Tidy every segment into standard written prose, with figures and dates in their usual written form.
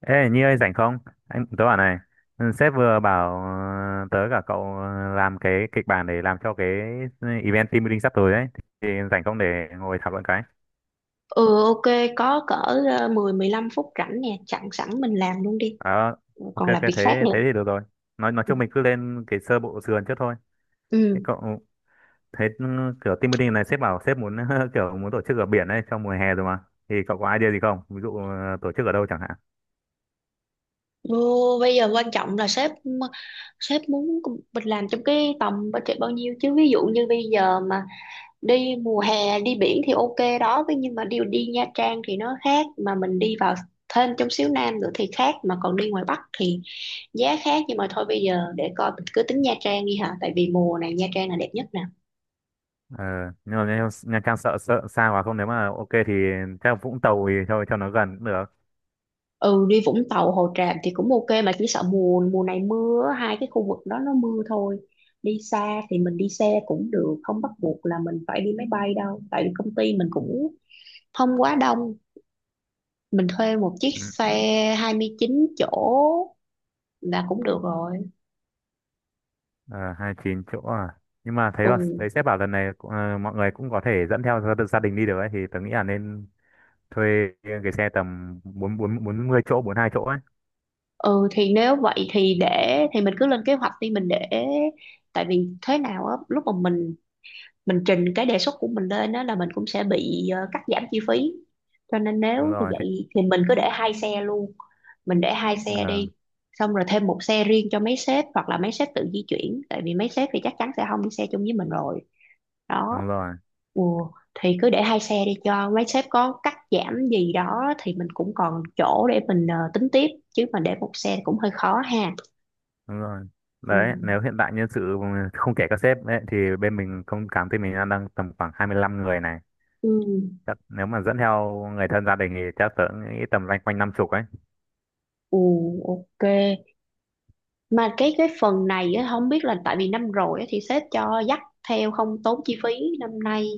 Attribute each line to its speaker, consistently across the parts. Speaker 1: Ê Nhi ơi, rảnh không? Anh tớ bảo này, ừ, sếp vừa bảo tớ cả cậu, làm cái kịch bản để làm cho cái, ừ, event team building sắp tới ấy. Thì rảnh không để ngồi thảo luận cái.
Speaker 2: Ừ ok, có cỡ 10 15 phút rảnh nè, chặn sẵn mình làm luôn đi,
Speaker 1: Ờ, ok
Speaker 2: còn
Speaker 1: ok,
Speaker 2: làm việc khác
Speaker 1: thế
Speaker 2: nữa.
Speaker 1: thế thì được rồi. Nói
Speaker 2: Ừ.
Speaker 1: chung mình cứ lên cái sơ bộ sườn trước thôi. Thế
Speaker 2: Ừ.
Speaker 1: cậu thế ừ, kiểu team building này sếp bảo sếp muốn kiểu muốn tổ chức ở biển đấy trong mùa hè rồi mà. Thì cậu có idea gì không? Ví dụ tổ chức ở đâu chẳng hạn.
Speaker 2: Vô, bây giờ quan trọng là sếp sếp muốn mình làm trong cái tầm budget bao nhiêu, chứ ví dụ như bây giờ mà đi mùa hè đi biển thì ok đó, thế nhưng mà đi đi Nha Trang thì nó khác, mà mình đi vào thêm trong xíu Nam nữa thì khác, mà còn đi ngoài Bắc thì giá khác. Nhưng mà thôi, bây giờ để coi mình cứ tính Nha Trang đi hả, tại vì mùa này Nha Trang là đẹp nhất nè.
Speaker 1: Ờ, nhưng mà Nha Nha Trang sợ sợ xa quá không, nếu mà ok thì chắc Vũng Tàu thì cho nó gần cũng được.
Speaker 2: Ừ, đi Vũng Tàu Hồ Tràm thì cũng ok, mà chỉ sợ mùa mùa này mưa á, hai cái khu vực đó nó mưa thôi. Đi xa thì mình đi xe cũng được, không bắt buộc là mình phải đi máy bay đâu, tại vì công ty mình cũng không quá đông, mình thuê một chiếc
Speaker 1: Ừ.
Speaker 2: xe 29 chỗ là cũng được rồi.
Speaker 1: Ờ, 29 chỗ à. Nhưng mà thấy
Speaker 2: Ừ.
Speaker 1: là thấy sếp bảo lần này cũng, ờ, mọi người cũng có thể dẫn theo gia gia đình đi được ấy, thì tớ nghĩ là nên thuê cái xe tầm bốn bốn bốn mươi chỗ, 42 chỗ ấy.
Speaker 2: Ừ thì nếu vậy thì để thì mình cứ lên kế hoạch đi, mình để, tại vì thế nào á, lúc mà mình trình cái đề xuất của mình lên đó là mình cũng sẽ bị cắt giảm chi phí, cho nên
Speaker 1: Đúng
Speaker 2: nếu như
Speaker 1: rồi. Thì,
Speaker 2: vậy thì mình cứ để hai xe luôn. Mình để hai xe
Speaker 1: ờ,
Speaker 2: đi, xong rồi thêm một xe riêng cho mấy sếp, hoặc là mấy sếp tự di chuyển, tại vì mấy sếp thì chắc chắn sẽ không đi xe chung với mình rồi đó.
Speaker 1: đúng rồi,
Speaker 2: Ồ thì cứ để hai xe đi, cho mấy sếp có cắt giảm gì đó thì mình cũng còn chỗ để mình tính tiếp, chứ mà để một xe thì cũng hơi khó ha.
Speaker 1: đúng rồi.
Speaker 2: Ừ.
Speaker 1: Đấy, nếu hiện tại nhân sự không kể các sếp ấy, thì bên mình không cảm thấy mình đang đang tầm khoảng 25 người này.
Speaker 2: Ừ.
Speaker 1: Chắc nếu mà dẫn theo người thân gia đình thì chắc tớ nghĩ tầm loanh quanh 50 ấy.
Speaker 2: Ừ, ok. Mà cái phần này á, không biết là tại vì năm rồi á, thì sếp cho dắt theo không tốn chi phí, năm nay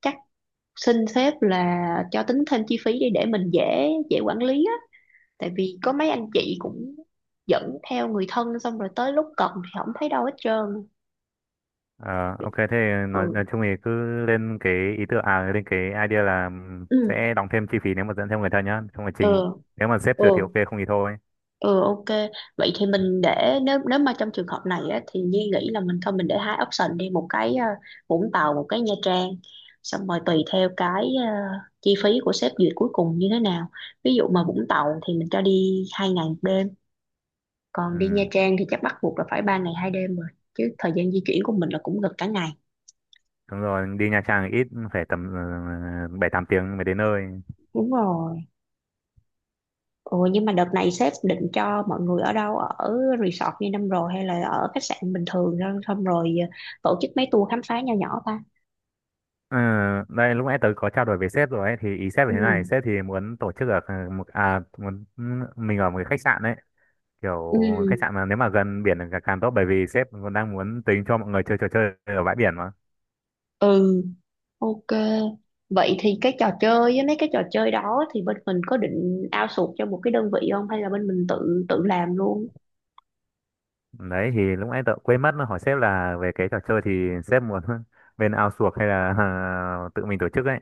Speaker 2: chắc xin sếp là cho tính thêm chi phí đi, để mình dễ dễ quản lý á, tại vì có mấy anh chị cũng dẫn theo người thân xong rồi tới lúc cần thì không thấy đâu hết trơn.
Speaker 1: Ờ, ok, thế nói
Speaker 2: Ừ.
Speaker 1: nói chung thì cứ lên cái ý tưởng, à, lên cái idea là,
Speaker 2: Ừ.
Speaker 1: sẽ đóng thêm chi phí nếu mà dẫn thêm người thân nhá. Trong quá
Speaker 2: Ừ.
Speaker 1: trình, nếu mà sếp
Speaker 2: Ừ.
Speaker 1: duyệt thì ok, không thì thôi.
Speaker 2: Ừ ok, vậy thì mình để nếu nếu mà trong trường hợp này á, thì Nhi nghĩ là mình thôi mình để hai option đi, một cái Vũng Tàu một cái Nha Trang, xong rồi tùy theo cái chi phí của sếp duyệt cuối cùng như thế nào. Ví dụ mà Vũng Tàu thì mình cho đi 2 ngày 1 đêm, còn đi Nha
Speaker 1: Ừ,
Speaker 2: Trang thì chắc bắt buộc là phải 3 ngày 2 đêm rồi, chứ thời gian di chuyển của mình là cũng gần cả ngày.
Speaker 1: đúng rồi, đi Nha Trang thì ít phải tầm 7 8 tiếng mới đến nơi.
Speaker 2: Đúng rồi. Ừ, nhưng mà đợt này sếp định cho mọi người ở đâu, ở resort như năm rồi hay là ở khách sạn bình thường, xong xong rồi tổ chức mấy tour khám phá nho nhỏ ta.
Speaker 1: Ừ, đây lúc nãy tớ có trao đổi với sếp rồi ấy, thì ý sếp là
Speaker 2: Ừ.
Speaker 1: thế này: sếp thì muốn tổ chức ở, ờ, một, à, muốn mình ở một cái khách sạn đấy,
Speaker 2: Ừ.
Speaker 1: kiểu khách sạn mà nếu mà gần biển là càng càng tốt, bởi vì sếp còn đang muốn tính cho mọi người chơi trò chơi ở bãi biển mà.
Speaker 2: Ừ ok, vậy thì cái trò chơi với mấy cái trò chơi đó thì bên mình có định outsource cho một cái đơn vị không, hay là bên mình tự tự làm luôn.
Speaker 1: Đấy thì lúc nãy tớ quên mất hỏi sếp là về cái trò chơi thì sếp muốn bên outsource hay là à, tự mình tổ chức ấy.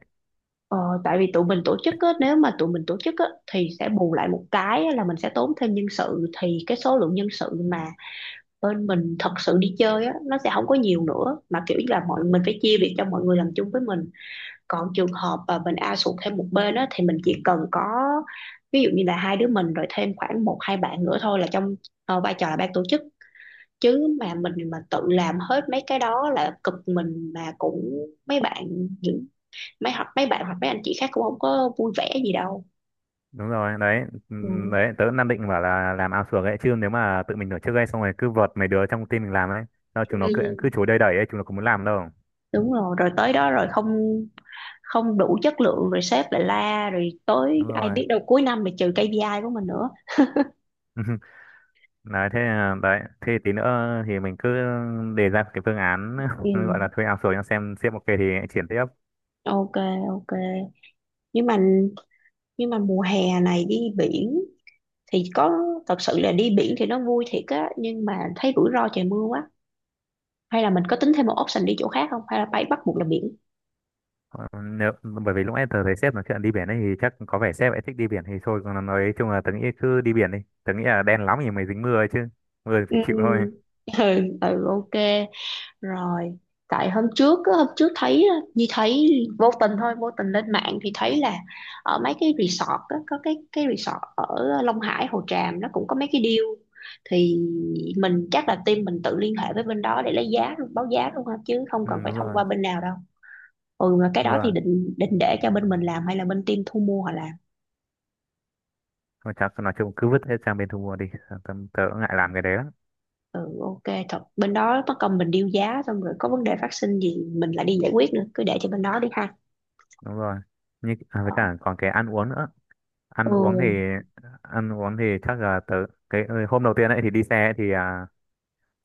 Speaker 2: ờ, tại vì tụi mình tổ chức á, nếu mà tụi mình tổ chức á, thì sẽ bù lại một cái á là mình sẽ tốn thêm nhân sự, thì cái số lượng nhân sự mà bên mình thật sự đi chơi á, nó sẽ không có nhiều nữa, mà kiểu như là mọi mình phải chia việc cho mọi người làm chung với mình. Còn trường hợp mà mình ao sụt thêm một bên á thì mình chỉ cần có ví dụ như là hai đứa mình, rồi thêm khoảng một hai bạn nữa thôi, là trong vai trò là ban tổ chức. Chứ mà mình mà tự làm hết mấy cái đó là cực mình, mà cũng mấy bạn, những mấy, hoặc mấy bạn hoặc mấy anh chị khác cũng không có vui vẻ gì đâu.
Speaker 1: Đúng rồi đấy,
Speaker 2: Ừ.
Speaker 1: đấy tớ cũng đang định bảo là làm outsource ấy, chứ nếu mà tự mình tổ chức ấy xong rồi cứ vợt mấy đứa trong team mình làm ấy, sao chúng nó cứ cứ
Speaker 2: Ừ,
Speaker 1: chối đầy đẩy ấy, chúng nó cũng muốn làm đâu.
Speaker 2: đúng rồi, rồi tới đó rồi không không đủ chất lượng rồi sếp lại la, rồi tới
Speaker 1: Đúng
Speaker 2: ai
Speaker 1: rồi.
Speaker 2: biết đâu cuối năm lại trừ KPI của mình nữa.
Speaker 1: Đấy thế là, đấy thế tí nữa thì mình cứ đề ra cái phương án gọi là
Speaker 2: Ừ.
Speaker 1: thuê outsource, cho xem sếp ok thì triển tiếp.
Speaker 2: Ok, ok. Nhưng mà nhưng mà mùa hè này đi biển thì có, thật sự là đi biển thì nó vui thiệt á, nhưng mà thấy rủi ro trời mưa quá, hay là mình có tính thêm một option đi chỗ khác không, hay là phải bắt buộc là biển.
Speaker 1: Ờ, nếu bởi vì lúc nãy tớ thấy sếp nói chuyện đi biển ấy thì chắc có vẻ sếp ấy thích đi biển thì thôi, còn nói chung là tớ nghĩ cứ đi biển đi. Tớ nghĩ là đen lắm thì mới dính mưa ấy chứ, mưa thì phải
Speaker 2: Ừ,
Speaker 1: chịu thôi.
Speaker 2: ừ, ừ ok rồi. Tại hôm trước á, hôm trước thấy á, như thấy vô tình thôi, vô tình lên mạng thì thấy là ở mấy cái resort á, có cái resort ở Long Hải Hồ Tràm nó cũng có mấy cái deal, thì mình chắc là team mình tự liên hệ với bên đó để lấy giá luôn, báo giá luôn ha, chứ không
Speaker 1: Ừ,
Speaker 2: cần phải
Speaker 1: đúng
Speaker 2: thông
Speaker 1: rồi,
Speaker 2: qua bên nào đâu. Ừ, mà cái
Speaker 1: đúng
Speaker 2: đó thì
Speaker 1: rồi.
Speaker 2: định định để cho bên mình làm hay là bên team thu mua họ làm.
Speaker 1: Thôi chắc nói chung cứ vứt hết sang bên thu mua đi, tớ ngại làm cái đấy lắm.
Speaker 2: Ừ ok, thật bên đó mất công mình điêu giá xong rồi có vấn đề phát sinh gì mình lại đi giải quyết nữa, cứ để cho bên đó đi ha.
Speaker 1: Đúng rồi, như à, với
Speaker 2: Ờ.
Speaker 1: cả còn cái ăn uống nữa. ăn uống thì
Speaker 2: Ừ.
Speaker 1: ăn uống thì chắc là tớ, cái, ừ, hôm đầu tiên ấy thì đi xe ấy thì, à,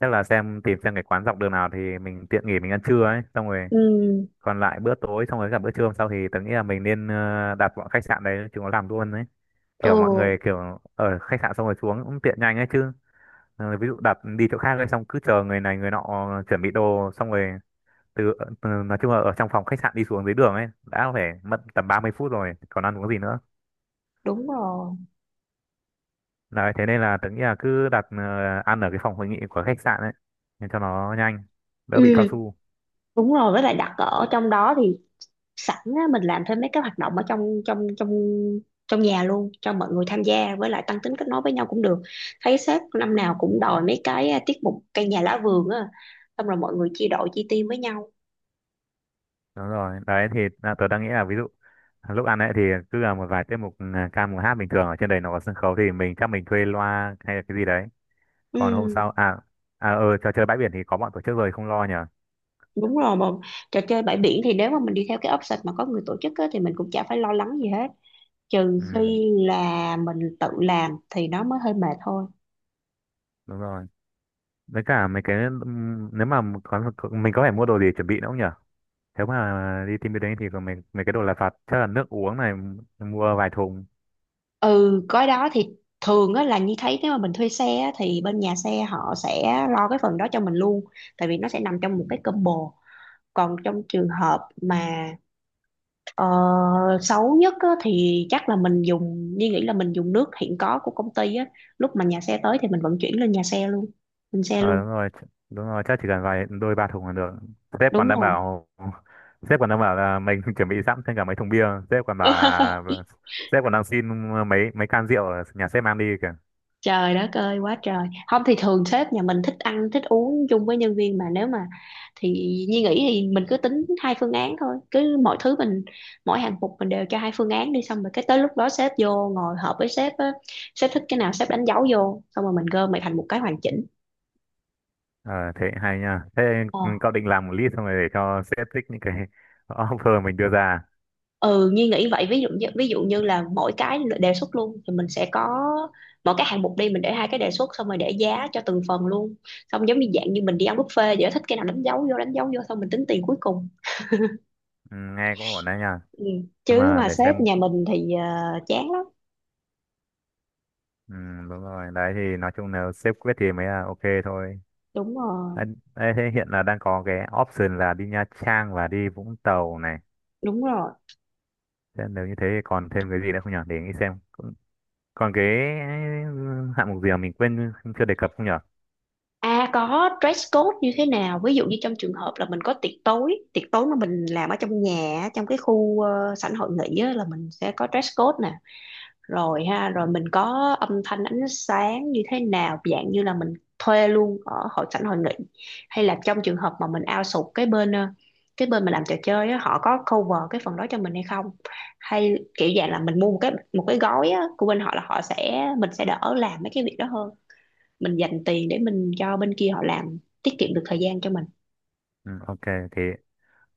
Speaker 1: chắc là xem tìm xem cái quán dọc đường nào thì mình tiện nghỉ mình ăn trưa ấy, xong rồi
Speaker 2: Ừ.
Speaker 1: còn lại bữa tối xong rồi cả bữa trưa hôm sau thì tớ nghĩ là mình nên, đặt bọn khách sạn đấy chúng nó làm luôn đấy, kiểu mọi
Speaker 2: Ừ.
Speaker 1: người kiểu ở khách sạn xong rồi xuống cũng tiện nhanh ấy chứ. Ờ, ví dụ đặt đi chỗ khác lên xong cứ chờ người này người nọ chuẩn bị đồ xong rồi từ, từ nói chung là ở trong phòng khách sạn đi xuống dưới đường ấy đã phải mất tầm 30 phút rồi còn ăn uống gì nữa.
Speaker 2: Đúng rồi.
Speaker 1: Đấy thế nên là tớ nghĩ là cứ đặt, ăn ở cái phòng hội nghị của khách sạn ấy, để cho nó nhanh, đỡ bị cao
Speaker 2: Ừ,
Speaker 1: su.
Speaker 2: đúng rồi, với lại đặt ở trong đó thì sẵn á, mình làm thêm mấy cái hoạt động ở trong trong trong trong nhà luôn cho mọi người tham gia, với lại tăng tính kết nối với nhau cũng được. Thấy sếp năm nào cũng đòi mấy cái tiết mục cây nhà lá vườn á, xong rồi mọi người chia đội chia team với nhau.
Speaker 1: Đúng rồi, đấy thì là tớ đang nghĩ là ví dụ, à, lúc ăn ấy thì cứ là một vài tiết mục, ừ, ca mùa hát bình thường. Ở trên đấy nó có sân khấu thì mình chắc mình thuê loa hay là cái gì đấy. Còn hôm sau
Speaker 2: Ừ,
Speaker 1: à, à ờ, trò chơi bãi biển thì có bọn tổ chức rồi, không lo nhở.
Speaker 2: đúng rồi, mà trò chơi bãi biển thì nếu mà mình đi theo cái option mà có người tổ chức á, thì mình cũng chả phải lo lắng gì hết, trừ
Speaker 1: Ừ,
Speaker 2: khi là mình tự làm thì nó mới hơi mệt thôi.
Speaker 1: đúng rồi, với cả mấy cái, nếu mà có, mình có phải mua đồ gì chuẩn bị nữa không nhở? Nếu mà đi team building thì còn mấy mấy cái đồ lặt vặt, chắc là nước uống này, mua vài thùng.
Speaker 2: Ừ, cái đó thì thường á, là như thấy nếu mà mình thuê xe á, thì bên nhà xe họ sẽ lo cái phần đó cho mình luôn, tại vì nó sẽ nằm trong một cái combo. Còn trong trường hợp mà ờ, xấu nhất á, thì chắc là mình dùng như nghĩ là mình dùng nước hiện có của công ty á, lúc mà nhà xe tới thì mình vận chuyển lên nhà xe luôn, lên xe
Speaker 1: Ờ
Speaker 2: luôn.
Speaker 1: đúng rồi, đúng rồi chắc chỉ cần vài đôi ba thùng là được. Sếp còn
Speaker 2: Đúng
Speaker 1: đang
Speaker 2: rồi.
Speaker 1: bảo sếp còn đang bảo là mình chuẩn bị sẵn thêm cả mấy thùng bia. Sếp còn bảo là sếp còn đang xin mấy mấy can rượu ở nhà sếp mang đi kìa.
Speaker 2: Trời đất ơi, quá trời không, thì thường sếp nhà mình thích ăn thích uống chung với nhân viên mà. Nếu mà thì Nhi nghĩ thì mình cứ tính hai phương án thôi, cứ mọi thứ mình, mỗi hạng mục mình đều cho hai phương án đi, xong rồi cái tới lúc đó sếp vô ngồi họp với sếp á, sếp thích cái nào sếp đánh dấu vô, xong rồi mình gom lại thành một cái hoàn chỉnh.
Speaker 1: Ờ thế hay nha, thế cậu định làm một list xong rồi để cho sếp thích những cái offer mình đưa ra.
Speaker 2: Ừ, Nhi nghĩ vậy, ví dụ như là mỗi cái đề xuất luôn thì mình sẽ có mỗi cái hạng mục đi mình để hai cái đề xuất, xong rồi để giá cho từng phần luôn, xong giống như dạng như mình đi ăn buffet vậy đó, thích cái nào đánh dấu vô đánh dấu vô, xong mình tính tiền cuối cùng.
Speaker 1: Ừ, nghe cũng ổn đấy nha,
Speaker 2: Ừ.
Speaker 1: nhưng
Speaker 2: Chứ
Speaker 1: mà
Speaker 2: mà
Speaker 1: để
Speaker 2: sếp
Speaker 1: xem.
Speaker 2: nhà mình thì chán lắm.
Speaker 1: Ừ, đúng rồi, đấy thì nói chung là sếp quyết thì mới là ok thôi.
Speaker 2: Đúng rồi,
Speaker 1: Đấy, thế hiện là đang có cái option là đi Nha Trang và đi Vũng Tàu này.
Speaker 2: đúng rồi.
Speaker 1: Thế nếu như thế thì còn thêm cái gì nữa không nhở, để nghĩ xem. Cũng, còn cái, ừ, hạng mục gì mà mình quên chưa đề cập không nhở.
Speaker 2: À, có dress code như thế nào, ví dụ như trong trường hợp là mình có tiệc tối mà mình làm ở trong nhà á, trong cái khu sảnh hội nghị á, là mình sẽ có dress code rồi ha. Rồi mình có âm thanh ánh sáng như thế nào, dạng như là mình thuê luôn ở hội sảnh hội nghị, hay là trong trường hợp mà mình outsource cái bên cái bên mà làm trò chơi á, họ có cover cái phần đó cho mình hay không, hay kiểu dạng là mình mua một cái gói á, của bên họ là họ sẽ mình sẽ đỡ làm mấy cái việc đó hơn, mình dành tiền để mình cho bên kia họ làm, tiết kiệm được thời gian cho mình.
Speaker 1: Ừ, ok, thì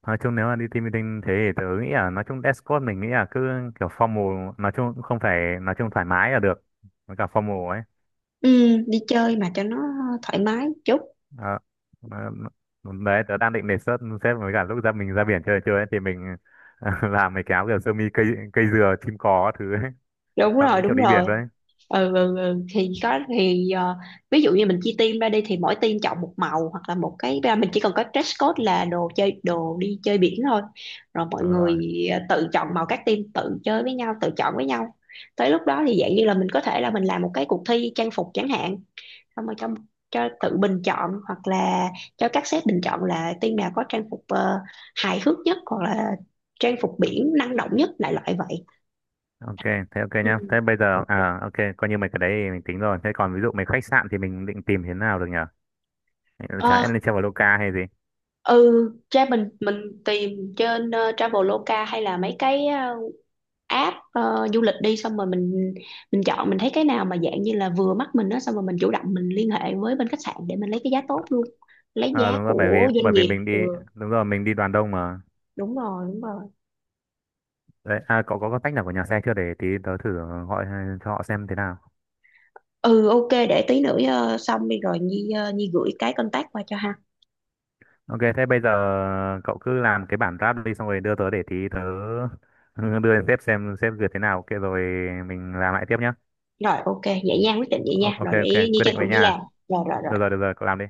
Speaker 1: nói chung nếu mà đi team building thế thì tớ nghĩ là nói chung Discord mình nghĩ là cứ kiểu formal, nói chung cũng không phải, nói chung thoải mái là được, với cả formal ấy.
Speaker 2: Ừ, đi chơi mà cho nó thoải mái chút.
Speaker 1: Đó. Ờ, đấy tớ đang định đề xuất xếp với cả lúc ra mình ra biển chơi chơi ấy, thì mình làm mấy cái áo kiểu sơ mi cây, dừa chim cò các thứ ấy,
Speaker 2: Đúng
Speaker 1: sao
Speaker 2: rồi,
Speaker 1: đúng kiểu
Speaker 2: đúng
Speaker 1: đi
Speaker 2: rồi.
Speaker 1: biển luôn ấy.
Speaker 2: Ừ, ừ, ừ. Thì có thì ví dụ như mình chia team ra đi thì mỗi team chọn một màu, hoặc là một cái mình chỉ cần có dress code là đồ chơi đồ đi chơi biển thôi, rồi mọi
Speaker 1: Ờ,
Speaker 2: người tự chọn màu, các team tự chơi với nhau tự chọn với nhau, tới lúc đó thì dạng như là mình có thể là mình làm một cái cuộc thi trang phục chẳng hạn, xong rồi cho tự bình chọn, hoặc là cho các sếp bình chọn là team nào có trang phục hài hước nhất hoặc là trang phục biển năng động nhất, đại loại vậy.
Speaker 1: ok, thế ok
Speaker 2: Ừ.
Speaker 1: nhá. Thế bây giờ à ok, coi như mấy cái đấy thì mình tính rồi. Thế còn ví dụ mấy khách sạn thì mình định tìm thế nào được nhở? Chẳng lẽ
Speaker 2: Ok.
Speaker 1: lên treo vào Loca hay gì?
Speaker 2: Ừ, ra mình tìm trên Traveloka hay là mấy cái app du lịch đi, xong rồi mình chọn mình thấy cái nào mà dạng như là vừa mắt mình đó, xong rồi mình chủ động mình liên hệ với bên khách sạn để mình lấy cái giá tốt luôn. Lấy
Speaker 1: Ờ
Speaker 2: giá
Speaker 1: đúng rồi, bởi vì
Speaker 2: của doanh
Speaker 1: bởi vì
Speaker 2: nghiệp.
Speaker 1: mình đi,
Speaker 2: Ừ,
Speaker 1: đúng rồi, mình đi đoàn đông mà.
Speaker 2: đúng rồi, đúng rồi.
Speaker 1: Đấy, à, có tách nào của nhà xe chưa để tí tớ thử gọi cho họ xem thế nào.
Speaker 2: Ừ ok, để tí nữa xong đi rồi Nhi gửi cái contact qua cho ha.
Speaker 1: Ok, thế bây giờ cậu cứ làm cái bản draft đi xong rồi đưa tớ để tí tớ đưa lên sếp xem sếp duyệt thế nào. Ok rồi mình làm lại tiếp nhá.
Speaker 2: Rồi ok, vậy nha, quyết định vậy nha.
Speaker 1: Ok
Speaker 2: Rồi
Speaker 1: ok,
Speaker 2: để Nhi
Speaker 1: quyết
Speaker 2: tranh
Speaker 1: định
Speaker 2: thủ
Speaker 1: vậy
Speaker 2: đi làm.
Speaker 1: nha.
Speaker 2: Rồi rồi rồi.
Speaker 1: Được rồi, cậu làm đi.